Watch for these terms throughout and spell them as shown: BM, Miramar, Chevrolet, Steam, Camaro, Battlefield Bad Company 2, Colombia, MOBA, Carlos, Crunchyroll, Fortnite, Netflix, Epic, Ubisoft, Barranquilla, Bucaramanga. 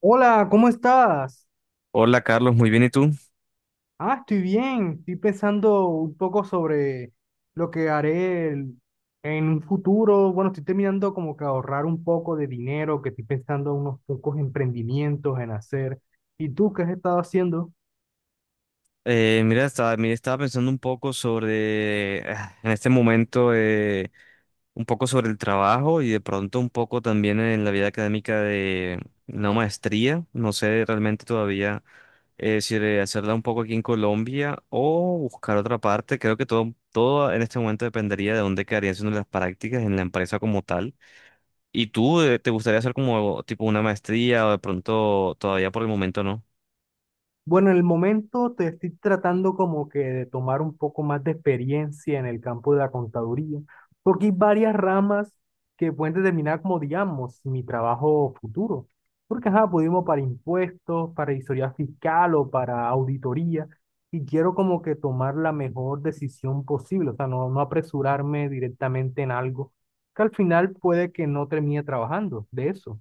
Hola, ¿cómo estás? Hola Carlos, muy bien, ¿y tú? Estoy bien. Estoy pensando un poco sobre lo que en un futuro. Bueno, estoy terminando como que ahorrar un poco de dinero, que estoy pensando unos pocos emprendimientos en hacer. ¿Y tú qué has estado haciendo? Mira, estaba pensando un poco sobre, en este momento, un poco sobre el trabajo y de pronto un poco también en la vida académica de una maestría. No sé realmente todavía si de hacerla un poco aquí en Colombia o buscar otra parte. Creo que todo en este momento dependería de dónde quedarían siendo las prácticas en la empresa como tal. ¿Y tú te gustaría hacer como tipo una maestría o de pronto todavía por el momento no? Bueno, en el momento te estoy tratando como que de tomar un poco más de experiencia en el campo de la contaduría, porque hay varias ramas que pueden determinar como, digamos, mi trabajo futuro. Porque, ajá, pudimos para impuestos, para historia fiscal o para auditoría, y quiero como que tomar la mejor decisión posible, o sea, no, no apresurarme directamente en algo que al final puede que no termine trabajando de eso.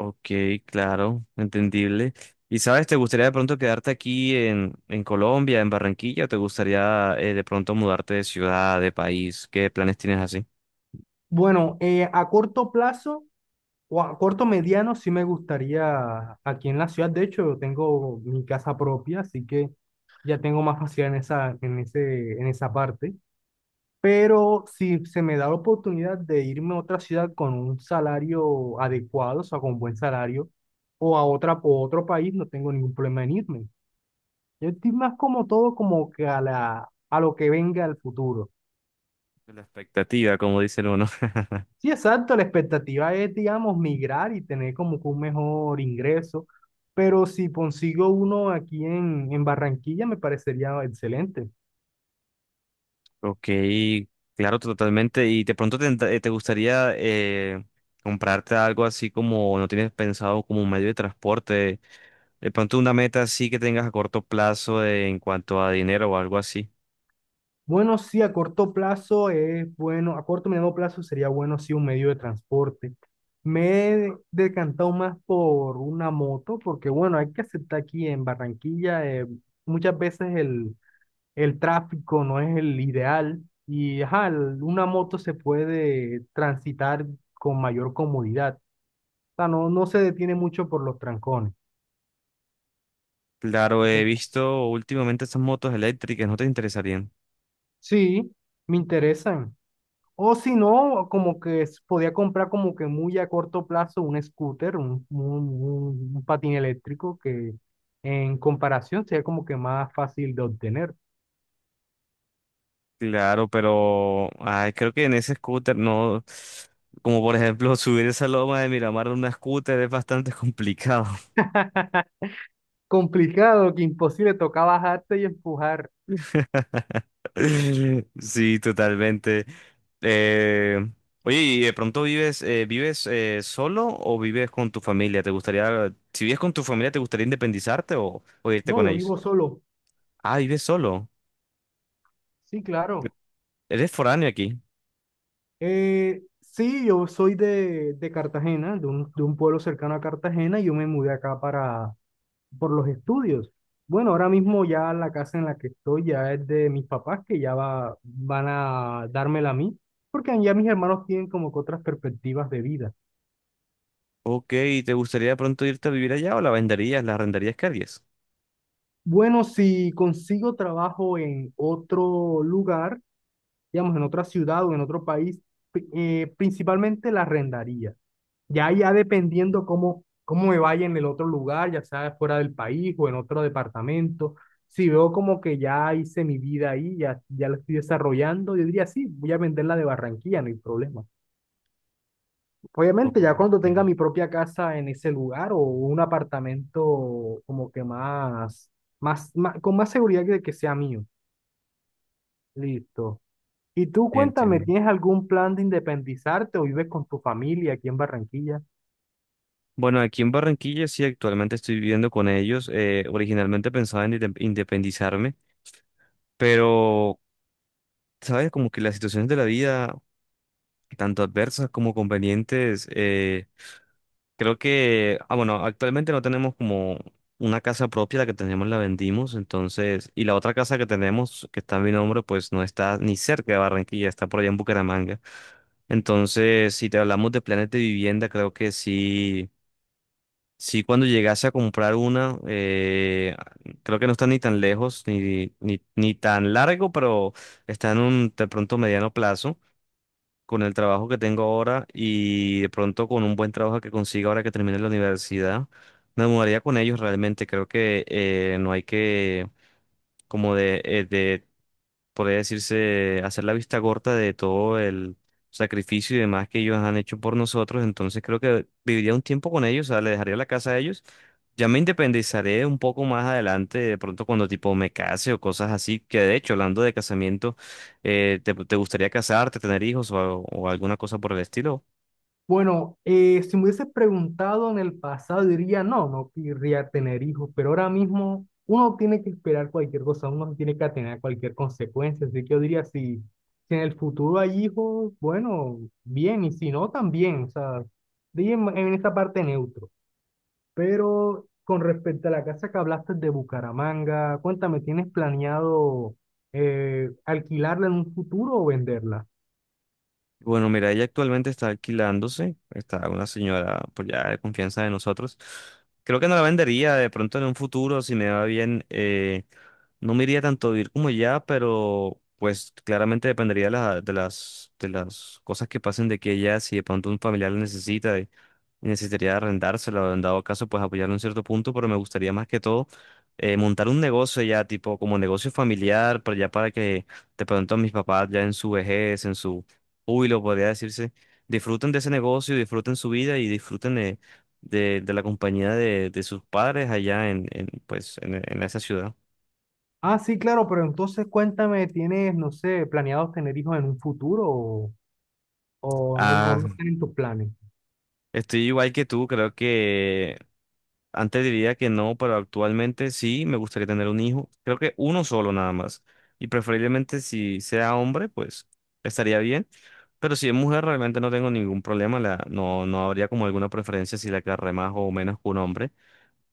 Ok, claro, entendible. ¿Y sabes, te gustaría de pronto quedarte aquí en Colombia, en Barranquilla, o te gustaría de pronto mudarte de ciudad, de país? ¿Qué planes tienes así? Bueno, a corto plazo. O a corto mediano sí me gustaría aquí en la ciudad. De hecho, tengo mi casa propia, así que ya tengo más facilidad en esa parte. Pero si se me da la oportunidad de irme a otra ciudad con un salario adecuado, o sea, con buen salario, o a otra, o otro país, no tengo ningún problema en irme. Yo estoy más como todo como que a a lo que venga al futuro. La expectativa, como dice uno. Sí, exacto, la expectativa es, digamos, migrar y tener como que un mejor ingreso, pero si consigo uno aquí en Barranquilla me parecería excelente. Ok, claro, totalmente. ¿Y de pronto te gustaría comprarte algo así como no tienes pensado como un medio de transporte? De pronto una meta así que tengas a corto plazo en cuanto a dinero o algo así. Bueno, sí, a corto plazo es bueno, a corto y mediano plazo sería bueno, sí, un medio de transporte. Me he decantado más por una moto, porque bueno, hay que aceptar aquí en Barranquilla, muchas veces el tráfico no es el ideal y ajá, una moto se puede transitar con mayor comodidad. O sea, no, no se detiene mucho por los trancones. Claro, he Bien. visto últimamente esas motos eléctricas, ¿no te interesarían? Sí, me interesan. O si no, como que podía comprar como que muy a corto plazo un scooter, un patín eléctrico que en comparación sería como que más fácil de obtener. Claro, pero ay, creo que en ese scooter no, como por ejemplo subir esa loma de Miramar en una scooter es bastante complicado. Complicado, que imposible, toca bajarte y empujar. Sí, totalmente. Eh, oye, ¿y de pronto vives solo o vives con tu familia? ¿Te gustaría, si vives con tu familia, te gustaría independizarte o irte No, con yo ellos? vivo solo. Ah, vives solo. Sí, claro. Eres foráneo aquí. Sí, yo soy de Cartagena, de un pueblo cercano a Cartagena, y yo me mudé acá por los estudios. Bueno, ahora mismo ya la casa en la que estoy ya es de mis papás, que ya van a dármela a mí, porque ya mis hermanos tienen como que otras perspectivas de vida. Ok, ¿y te gustaría de pronto irte a vivir allá o la venderías, la arrendarías? ¿Qué harías? Bueno, si consigo trabajo en otro lugar, digamos, en otra ciudad o en otro país, principalmente la arrendaría. Ya dependiendo cómo me vaya en el otro lugar, ya sea fuera del país o en otro departamento, si veo como que ya hice mi vida ahí, ya la estoy desarrollando, yo diría, sí, voy a venderla de Barranquilla, no hay problema. Obviamente, ya cuando Ok, tenga mi propia casa en ese lugar o un apartamento como que con más seguridad de que sea mío. Listo. Y tú cuéntame, entiendo. ¿tienes algún plan de independizarte o vives con tu familia aquí en Barranquilla? Bueno, aquí en Barranquilla sí, actualmente estoy viviendo con ellos. Originalmente pensaba en independizarme, pero, ¿sabes? Como que las situaciones de la vida, tanto adversas como convenientes, creo que, bueno, actualmente no tenemos como una casa propia, la que tenemos la vendimos, entonces, y la otra casa que tenemos, que está a mi nombre, pues no está ni cerca de Barranquilla, está por allá en Bucaramanga. Entonces, si te hablamos de planes de vivienda, creo que sí, sí cuando llegase a comprar una, creo que no está ni tan lejos, ni tan largo, pero está en un de pronto mediano plazo con el trabajo que tengo ahora y de pronto con un buen trabajo que consiga ahora que termine la universidad. Me mudaría con ellos realmente, creo que no hay que como de podría decirse, hacer la vista corta de todo el sacrificio y demás que ellos han hecho por nosotros. Entonces creo que viviría un tiempo con ellos, o sea, le dejaría la casa a ellos. Ya me independizaré un poco más adelante, de pronto cuando tipo me case o cosas así, que de hecho, hablando de casamiento, ¿te gustaría casarte, tener hijos o, alguna cosa por el estilo? Bueno, si me hubiese preguntado en el pasado, diría no, no querría tener hijos, pero ahora mismo uno tiene que esperar cualquier cosa, uno tiene que atener a cualquier consecuencia, así que yo diría si, si en el futuro hay hijos, bueno, bien, y si no, también, o sea, diría en esta parte neutro. Pero con respecto a la casa que hablaste de Bucaramanga, cuéntame, ¿tienes planeado alquilarla en un futuro o venderla? Bueno, mira, ella actualmente está alquilándose, está una señora pues ya de confianza de nosotros. Creo que no la vendería de pronto en un futuro, si me va bien, no me iría tanto a vivir como ya, pero pues claramente dependería de las cosas que pasen de que ella, si de pronto un familiar la necesita y necesitaría arrendársela, o en dado caso pues apoyarlo en cierto punto, pero me gustaría más que todo montar un negocio ya, tipo como negocio familiar, pero ya para que de pronto mis papás ya en su vejez, en su Uy, lo podría decirse. Disfruten de ese negocio, disfruten su vida y disfruten de la compañía de sus padres allá pues, en esa ciudad. Ah, sí, claro, pero entonces cuéntame, ¿tienes, no sé, planeados tener hijos en un futuro o no, no, no Ah, tienen tus planes? estoy igual que tú, creo que antes diría que no, pero actualmente sí, me gustaría tener un hijo. Creo que uno solo nada más. Y preferiblemente si sea hombre, pues estaría bien. Pero si es mujer, realmente no tengo ningún problema. No, no habría como alguna preferencia si la agarré más o menos que un hombre.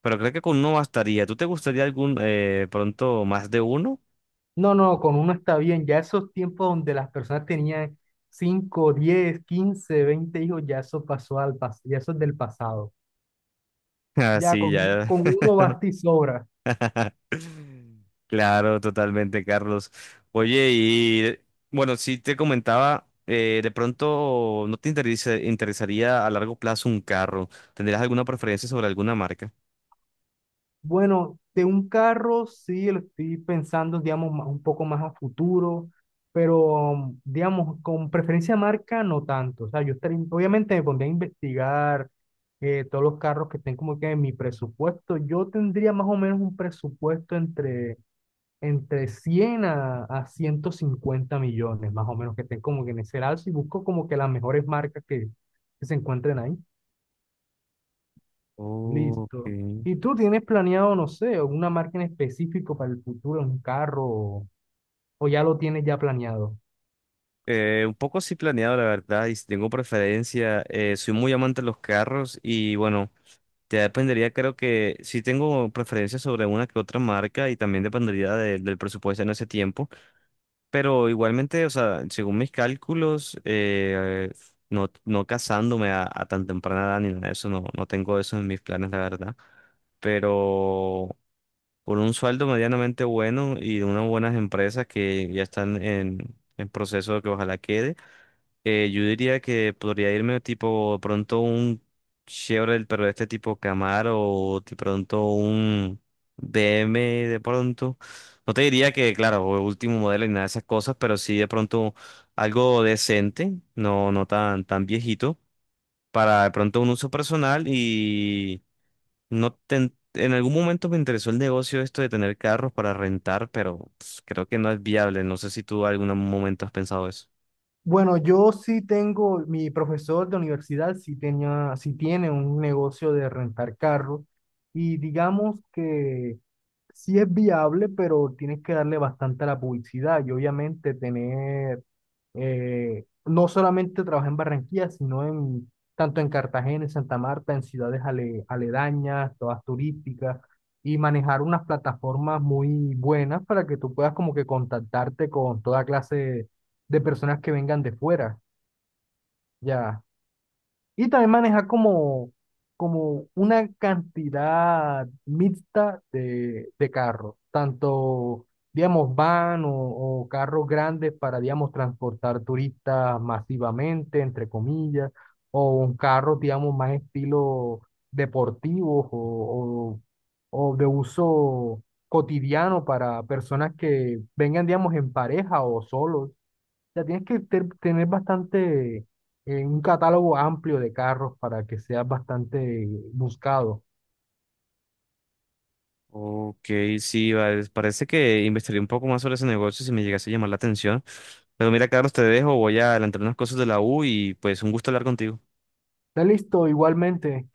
Pero creo que con uno bastaría. ¿Tú te gustaría algún pronto más de uno? No, no, con uno está bien. Ya esos tiempos donde las personas tenían 5, 10, 15, 20 hijos, ya eso pasó al pasado, ya eso es del pasado. Ah, Ya sí, ya. con uno basta y sobra. Claro, totalmente, Carlos. Oye, y bueno, sí te comentaba, de pronto no te interesaría a largo plazo un carro. ¿Tendrías alguna preferencia sobre alguna marca? Bueno, de un carro sí lo estoy pensando, digamos, un poco más a futuro, pero mm, digamos, con preferencia marca no tanto. O sea, yo estaría, obviamente me pondría a investigar todos los carros que estén como que en mi presupuesto. Yo tendría más o menos un presupuesto entre 100 a 150 millones, más o menos, que estén como que en ese lado y busco como que las mejores marcas que se encuentren ahí. Listo. Ok. ¿Y tú tienes planeado, no sé, alguna marca en específico para el futuro, un carro, o ya lo tienes ya planeado? Un poco sí planeado, la verdad, y si tengo preferencia. Soy muy amante de los carros y bueno. Ya dependería, creo que sí tengo preferencia sobre una que otra marca y también dependería del presupuesto en ese tiempo, pero igualmente, o sea, según mis cálculos, no, no casándome a tan temprana edad ni nada de eso, no, no tengo eso en mis planes, la verdad, pero con un sueldo medianamente bueno y de unas buenas empresas que ya están en proceso de que ojalá quede. Yo diría que podría irme tipo de pronto un Chevrolet, pero de este tipo Camaro o de pronto un BM de pronto. No te diría que, claro, último modelo y nada de esas cosas, pero sí de pronto algo decente, no, no tan, tan viejito, para de pronto un uso personal y no ten- en algún momento me interesó el negocio esto de tener carros para rentar, pero pues, creo que no es viable. No sé si tú en algún momento has pensado eso. Bueno, yo sí tengo, mi profesor de universidad sí tenía, sí tiene un negocio de rentar carros y digamos que sí es viable, pero tienes que darle bastante a la publicidad y obviamente tener, no solamente trabajar en Barranquilla, sino en tanto en Cartagena, en Santa Marta, en ciudades aledañas, todas turísticas, y manejar unas plataformas muy buenas para que tú puedas como que contactarte con toda clase de personas que vengan de fuera, ya. Y también maneja como, como una cantidad mixta de carros, tanto, digamos, van o carros grandes para, digamos, transportar turistas masivamente, entre comillas, o un carro, digamos, más estilo deportivo o de uso cotidiano para personas que vengan, digamos, en pareja o solos. Ya tienes que tener bastante, un catálogo amplio de carros para que seas bastante buscado. Ok, sí, vale. Parece que investigué un poco más sobre ese negocio si me llegase a llamar la atención. Pero mira, Carlos, te dejo, voy a adelantar unas cosas de la U y pues un gusto hablar contigo. Está listo, igualmente.